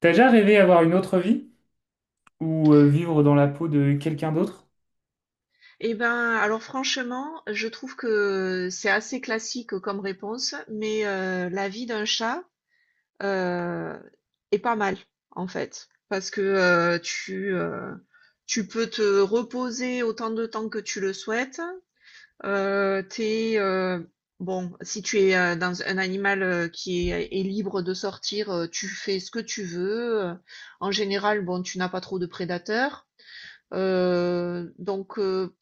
T'as déjà rêvé avoir une autre vie ou vivre dans la peau de quelqu'un d'autre? Eh ben, alors franchement, je trouve que c'est assez classique comme réponse, mais la vie d'un chat euh, est pas mal en fait, parce que tu peux te reposer autant de temps que tu le souhaites. T'es bon, si tu es dans un animal qui est libre de sortir, tu fais ce que tu veux. En général, bon, tu n'as pas trop de prédateurs. Donc,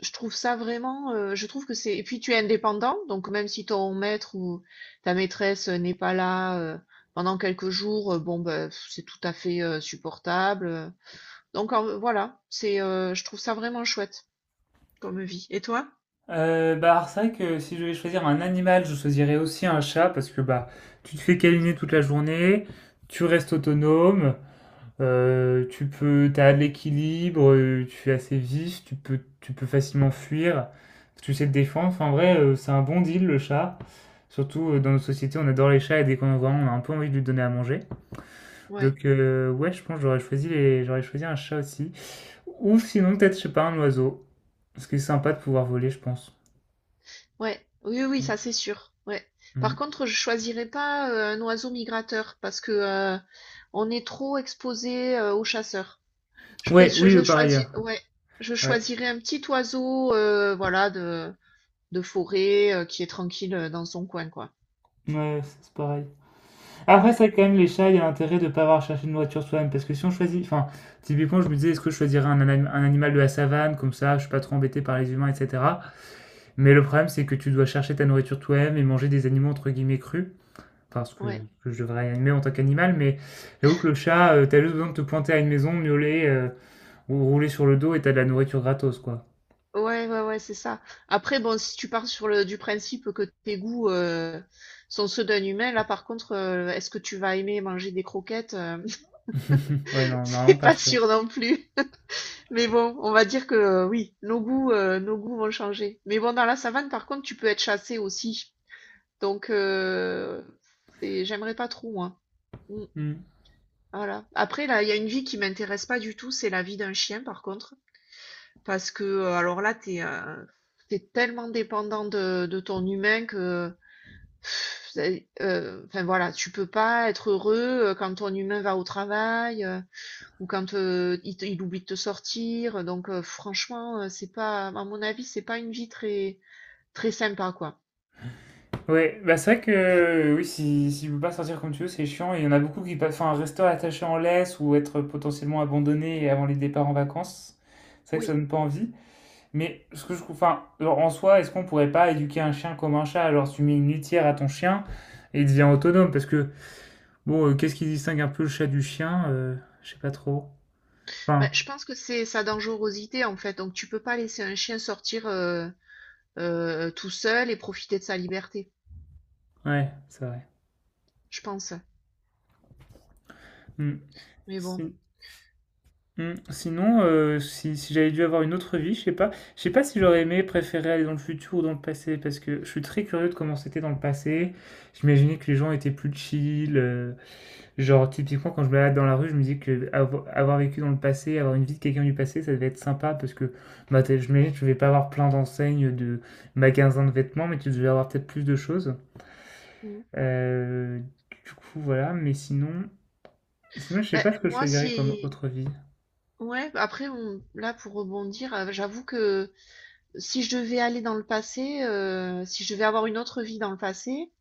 je trouve ça vraiment, je trouve que c'est et puis tu es indépendant, donc même si ton maître ou ta maîtresse, n'est pas là, pendant quelques jours, bon, bah, c'est tout à fait, supportable, donc en voilà, c'est, je trouve ça vraiment chouette comme vie. Et toi? Alors, c'est vrai que si je devais choisir un animal, je choisirais aussi un chat parce que bah tu te fais câliner toute la journée, tu restes autonome, tu peux, t'as de l'équilibre, tu es assez vif, tu peux facilement fuir, tu sais te défendre. Enfin, en vrai, c'est un bon deal le chat. Surtout dans nos sociétés, on adore les chats et dès qu'on en voit un, on a un peu envie de lui donner à manger. Ouais, Donc ouais, je pense que j'aurais choisi un chat aussi. Ou sinon, peut-être, je sais pas, un oiseau. Parce que c'est sympa de pouvoir voler, je pense. ouais, oui, oui, oui, ça c'est sûr, ouais. Par Mm. contre, je choisirais pas, un oiseau migrateur parce que, heu, on est trop exposé, aux chasseurs. Je, pré- Ouais, oui, je le pareil. choisis, ouais, je Ouais. choisirais un petit oiseau, voilà, de forêt, qui est tranquille dans son coin, quoi. Ouais, c'est pareil. Après, Ouais, ça, quand même, ouais, les chats, il y a l'intérêt de ne pas avoir cherché une voiture soi-même. Parce que si on choisit. Enfin, typiquement, je me disais, est-ce que je choisirais un animal de la savane, comme ça, je suis pas trop embêté par les humains, etc. Mais le problème, c'est que tu dois chercher ta nourriture toi-même et manger des animaux, entre guillemets, crus. Enfin, ouais, que je devrais aimer en tant qu'animal, mais j'avoue que le chat, tu t'as juste besoin de te pointer à une maison, miauler, ou rouler sur le dos et t'as de la nourriture gratos, quoi. ouais, ouais, ouais, c'est ça. Après, bon, si tu pars sur le du principe que tes goûts sont ceux d'un humain, là, par contre, est-ce que tu vas aimer manger des croquettes? Ouais, non, C'est normalement pas pas trop. sûr non plus. Mais bon, on va dire que oui, nos goûts vont changer. Mais bon, dans la savane, par contre, tu peux être chassé aussi. Donc, j'aimerais pas trop, moi. Mmh, Hmm. voilà. Après là, il y a une vie qui m'intéresse pas du tout, c'est la vie d'un chien par contre. Parce que, alors là, t'es tellement dépendant de ton humain que pff, c'est enfin voilà, tu peux pas être heureux, quand ton humain va au travail, ou quand, il oublie de te sortir, donc franchement, c'est pas à mon avis, c'est pas une vie très très sympa, quoi. Ouais, bah c'est vrai que oui, si tu peux pas sortir comme tu veux, c'est chiant. Il y en a beaucoup qui passent enfin, rester attaché en laisse ou être potentiellement abandonné avant les départs en vacances. C'est vrai que ça Oui. donne pas envie. Mais ce que je trouve, enfin, genre, en soi, est-ce qu'on pourrait pas éduquer un chien comme un chat? Genre, tu mets une litière à ton chien et il devient autonome parce que bon, qu'est-ce qui distingue un peu le chat du chien? Je sais pas trop. Bah, Enfin, je pense que c'est sa dangerosité, en fait, donc tu peux pas laisser un chien sortir, tout seul et profiter de sa liberté, ouais, c'est vrai. je pense. Hmm. Mais bon, Si- Mm. Sinon, si, si j'avais dû avoir une autre vie, je sais pas si j'aurais aimé préférer aller dans le futur ou dans le passé, parce que je suis très curieux de comment c'était dans le passé. J'imaginais que les gens étaient plus chill, genre typiquement quand je me balade dans la rue, je me dis que avoir vécu dans le passé, avoir une vie de quelqu'un du passé, ça devait être sympa, parce que bah, je m'imagine que je vais pas avoir plein d'enseignes de magasins de vêtements, mais tu devais avoir peut-être plus de choses. mmh. Euh, voilà, mais sinon, sinon, je sais Beh, pas ce que je moi choisirais comme si autre vie. ouais, après on là pour rebondir, j'avoue que si je devais aller dans le passé, si je devais avoir une autre vie dans le passé,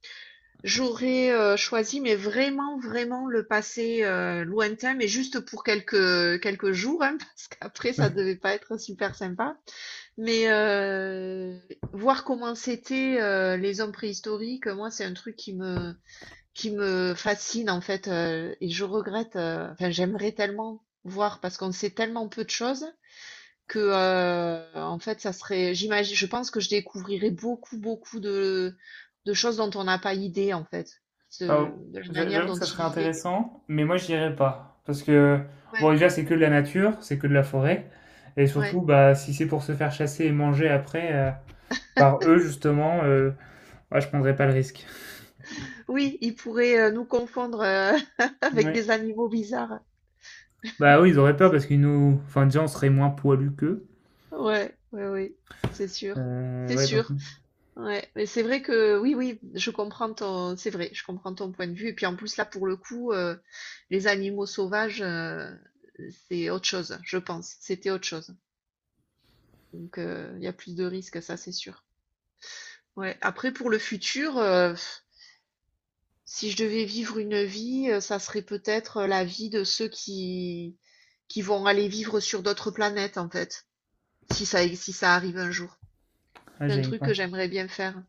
j'aurais, choisi mais vraiment, vraiment le passé, lointain, mais juste pour quelques, quelques jours, hein, parce qu'après ça devait pas être super sympa. Mais, voir comment c'était les hommes préhistoriques, moi c'est un truc qui me fascine en fait et je regrette enfin j'aimerais tellement voir parce qu'on sait tellement peu de choses que en fait ça serait j'imagine je pense que je découvrirais beaucoup beaucoup de choses dont on n'a pas idée en fait Euh, de la manière J'avoue que dont ça ils serait vivaient. intéressant, mais moi j'irais pas. Parce que, bon, Ouais, déjà c'est que de la nature, c'est que de la forêt. Et surtout, ouais, bah, si c'est pour se faire chasser et manger après par eux, justement, bah, je prendrais pas le risque. oui, ils pourraient nous confondre avec Ouais. des animaux bizarres. Bah oui, ils auraient peur parce qu'ils nous. Enfin, déjà, on serait moins poilus qu'eux. Ouais, ouais, oui, c'est sûr, c'est Ouais, donc, sûr. Ouais, mais c'est vrai que oui, oui, c'est vrai, je comprends ton point de vue. Et puis en plus, là, pour le coup, les animaux sauvages, c'est autre chose, je pense. C'était autre chose. Donc, il y a plus de risques, ça, c'est sûr. Ouais. Après, pour le futur, si je devais vivre une vie, ça serait peut-être la vie de ceux qui vont aller vivre sur d'autres planètes, en fait, si ça arrive un jour. là, C'est un j'y truc que pense. j'aimerais bien faire.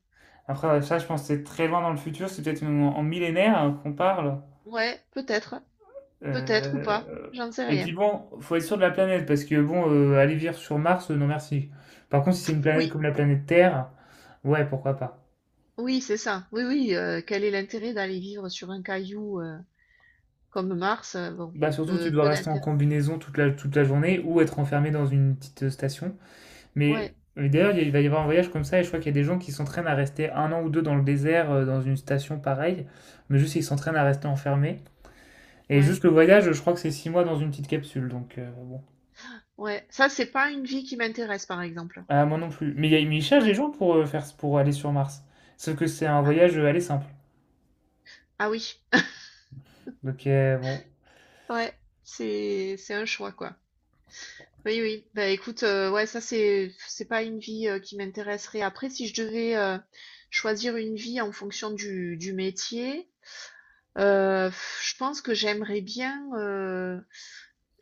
Après, ouais, ça, je pense que c'est très loin dans le futur, c'est peut-être en en millénaire hein, qu'on parle. Ouais, peut-être, peut-être ou pas, Euh, j'en sais Et puis rien. bon, faut être sûr de la planète parce que bon, aller vivre sur Mars, non merci. Par contre, si c'est une planète Oui. comme la planète Terre, ouais, pourquoi pas. Oui, c'est ça. Oui, oui, quel est l'intérêt d'aller vivre sur un caillou, comme Mars, bon, Bah surtout, tu peu dois peu rester en d'intérêt. combinaison toute la journée ou être enfermé dans une petite station. Ouais, Mais d'ailleurs, il va y avoir un voyage comme ça et je crois qu'il y a des gens qui s'entraînent à rester un an ou deux dans le désert, dans une station pareille, mais juste ils s'entraînent à rester enfermés. Et ouais, juste le voyage, je crois que c'est six mois dans une petite capsule, donc bon. ouais. Ça, c'est pas une vie qui m'intéresse, par exemple. Ah, moi non plus. Mais, mais ils cherchent des Ouais. gens pour, pour aller sur Mars. Sauf que c'est un Ah, voyage aller simple. ah, oui. Donc, bon. Ouais, c'est un choix, quoi. Oui, oui. Bah, écoute, ouais, ça, c'est pas une vie, qui m'intéresserait. Après, si je devais, choisir une vie en fonction du métier, heu, je pense que j'aimerais bien, heu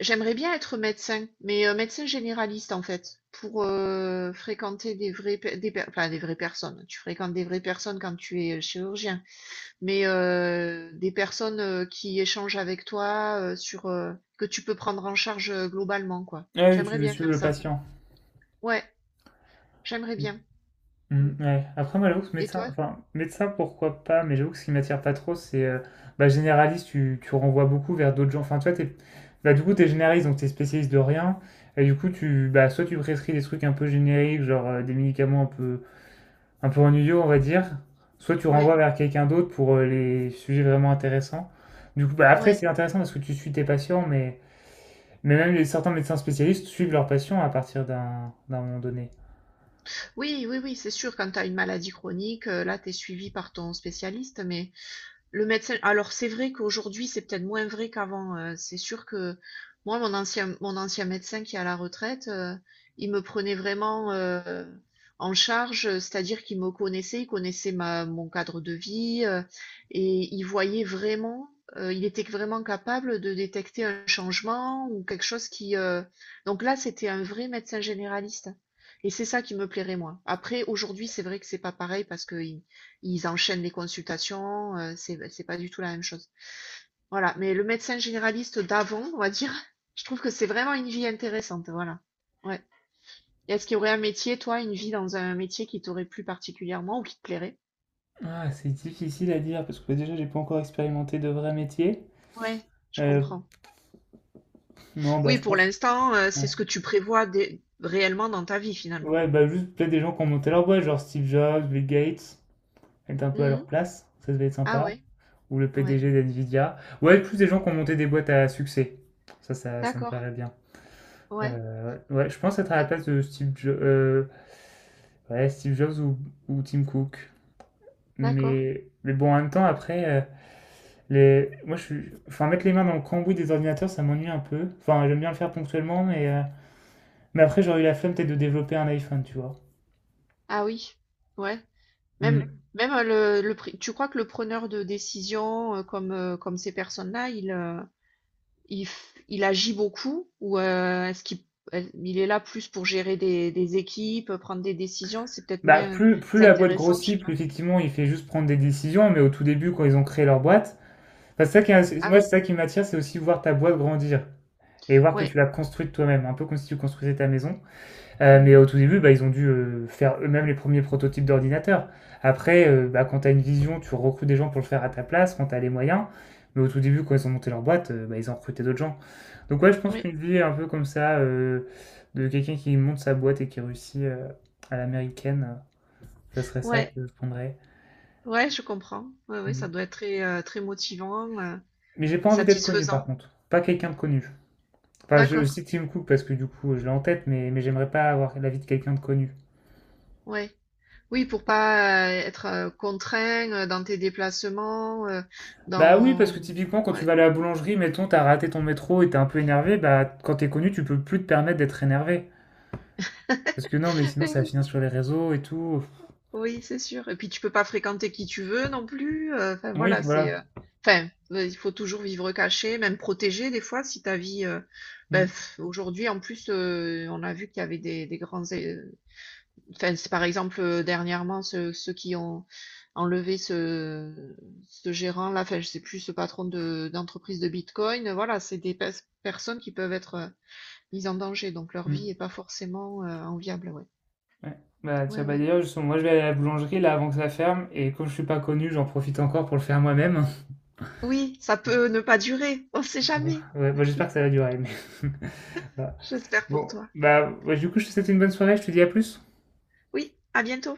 J'aimerais bien être médecin, mais médecin généraliste en fait, pour fréquenter des vraies, pe- des per- enfin, des vraies personnes. Tu fréquentes des vraies personnes quand tu es chirurgien, mais des personnes qui échangent avec toi sur que tu peux prendre en charge globalement quoi. Ah oui, tu J'aimerais veux bien suivre faire le ça. patient. Ouais, j'aimerais Mm. bien. Mm. Mm, ouais. Après, moi, j'avoue que Et toi? Médecin, pourquoi pas, mais j'avoue que ce qui m'attire pas trop, c'est bah, généraliste, tu renvoies beaucoup vers d'autres gens. Enfin, toi, t'es, bah, du coup, t'es généraliste, donc t'es spécialiste de rien. Et du coup, tu, bah, soit tu prescris des trucs un peu génériques, genre des médicaments un peu ennuyeux, on va dire. Soit tu Ouais, renvoies vers quelqu'un d'autre pour les sujets vraiment intéressants. Du coup, bah, après, ouais. c'est intéressant parce que tu suis tes patients, mais même certains médecins spécialistes suivent leurs patients à partir d'un moment donné. Oui, oui, oui, c'est sûr. Quand tu as une maladie chronique, là, tu es suivi par ton spécialiste, mais le médecin, alors c'est vrai qu'aujourd'hui, c'est peut-être moins vrai qu'avant. C'est sûr que moi, mon ancien médecin qui est à la retraite, il me prenait vraiment en charge, c'est-à-dire qu'il me connaissait, il connaissait mon cadre de vie et il voyait vraiment, il était vraiment capable de détecter un changement ou quelque chose qui. Donc là, c'était un vrai médecin généraliste. Et c'est ça qui me plairait, moi. Après, aujourd'hui, c'est vrai que c'est pas pareil parce que ils enchaînent les consultations, c'est pas du tout la même chose. Voilà, mais le médecin généraliste d'avant, on va dire, je trouve que c'est vraiment une vie intéressante, voilà. Ouais. Et est-ce qu'il y aurait un métier, toi, une vie dans un métier qui t'aurait plu particulièrement ou qui te plairait? Ah, c'est difficile à dire parce que bah, déjà, j'ai pas encore expérimenté de vrai métier. Ouais, je Euh, comprends. non, bah, Oui, je pour pense. l'instant, c'est Bon. ce que tu prévois réellement dans ta vie finalement. Ouais, bah, juste peut-être des gens qui ont monté leur boîte, genre Steve Jobs, Bill Gates, être un peu à leur Mhm. place, ça devait être Ah sympa. ouais, Ou le ouais. PDG d'NVIDIA. Ouais, plus des gens qui ont monté des boîtes à succès. Ça me D'accord. plairait bien. Ouais. Ouais, je pense être à Euh, la place de ouais, Steve Jobs ou Tim Cook. D'accord. Mais bon, en même temps, après, moi, je suis... enfin, mettre les mains dans le cambouis des ordinateurs, ça m'ennuie un peu. Enfin, j'aime bien le faire ponctuellement, mais après, j'aurais eu la flemme peut-être de développer un iPhone, tu vois. Ah oui. Ouais. Même, Hmm. même le, pri- tu crois que le preneur de décision, comme ces personnes-là, il agit beaucoup ou est-ce qu'il il est là plus pour gérer des équipes, prendre des décisions? C'est peut-être Bah, moins, plus c'est la boîte intéressant, je sais grossit, pas. plus effectivement, il fait juste prendre des décisions, mais au tout début, quand ils ont créé leur boîte, enfin, c'est ça qui, est- Ah moi, c'est oui, ça qui m'attire, c'est aussi voir ta boîte grandir et voir que tu ouais, l'as construite toi-même, un peu comme si tu construisais ta maison. Mais mm, au tout début, bah, ils ont dû faire eux-mêmes les premiers prototypes d'ordinateurs. Après, bah, quand tu as une vision, tu recrutes des gens pour le faire à ta place, quand tu as les moyens. Mais au tout début, quand ils ont monté leur boîte, bah, ils ont recruté d'autres gens. Donc ouais, je pense ouais, qu'une vie un peu comme ça, de quelqu'un qui monte sa boîte et qui réussit à l'américaine, ça serait ça ouais, que je prendrais. ouais, je comprends. Ouais, ouais, ça doit être très, très motivant, Mais j'ai pas et envie d'être connu satisfaisant. par contre. Pas quelqu'un de connu. Enfin, je D'accord, cite Tim Cook parce que du coup, je l'ai en tête, mais j'aimerais pas avoir la vie de quelqu'un de connu. ouais. Oui, pour pas être contraint dans tes déplacements, Bah oui, parce dans, que typiquement, quand tu ouais. vas à la boulangerie, mettons, t'as raté ton métro et t'es un peu énervé, bah quand t'es connu, tu peux plus te permettre d'être énervé. Parce que non, mais sinon, Eh ça va oui, finir sur les réseaux et tout. oui, c'est sûr. Et puis tu peux pas fréquenter qui tu veux non plus. Enfin Oui, voilà, voilà. c'est. Enfin, il faut toujours vivre caché, même protégé des fois si ta vie. Ben, Mm, pff, aujourd'hui en plus, on a vu qu'il y avait des grands. Enfin, c'est par exemple dernièrement ceux qui ont enlevé ce gérant là. Enfin, je sais plus ce patron de d'entreprise de Bitcoin. Voilà, c'est des personnes qui peuvent être mises en danger, donc leur vie mm, est pas forcément enviable. Ouais. ouais. Bah tiens, Ouais, bah ouais. d'ailleurs, justement, moi je vais aller à la boulangerie là avant que ça ferme, et comme je suis pas connu, j'en profite encore pour le faire moi-même. Oui, ça peut ne pas durer, on sait jamais. Ouais, bah, j'espère que ça va durer, mais... voilà. J'espère pour Bon, toi. bah ouais, du coup, je te souhaite une bonne soirée, je te dis à plus. Oui, à bientôt.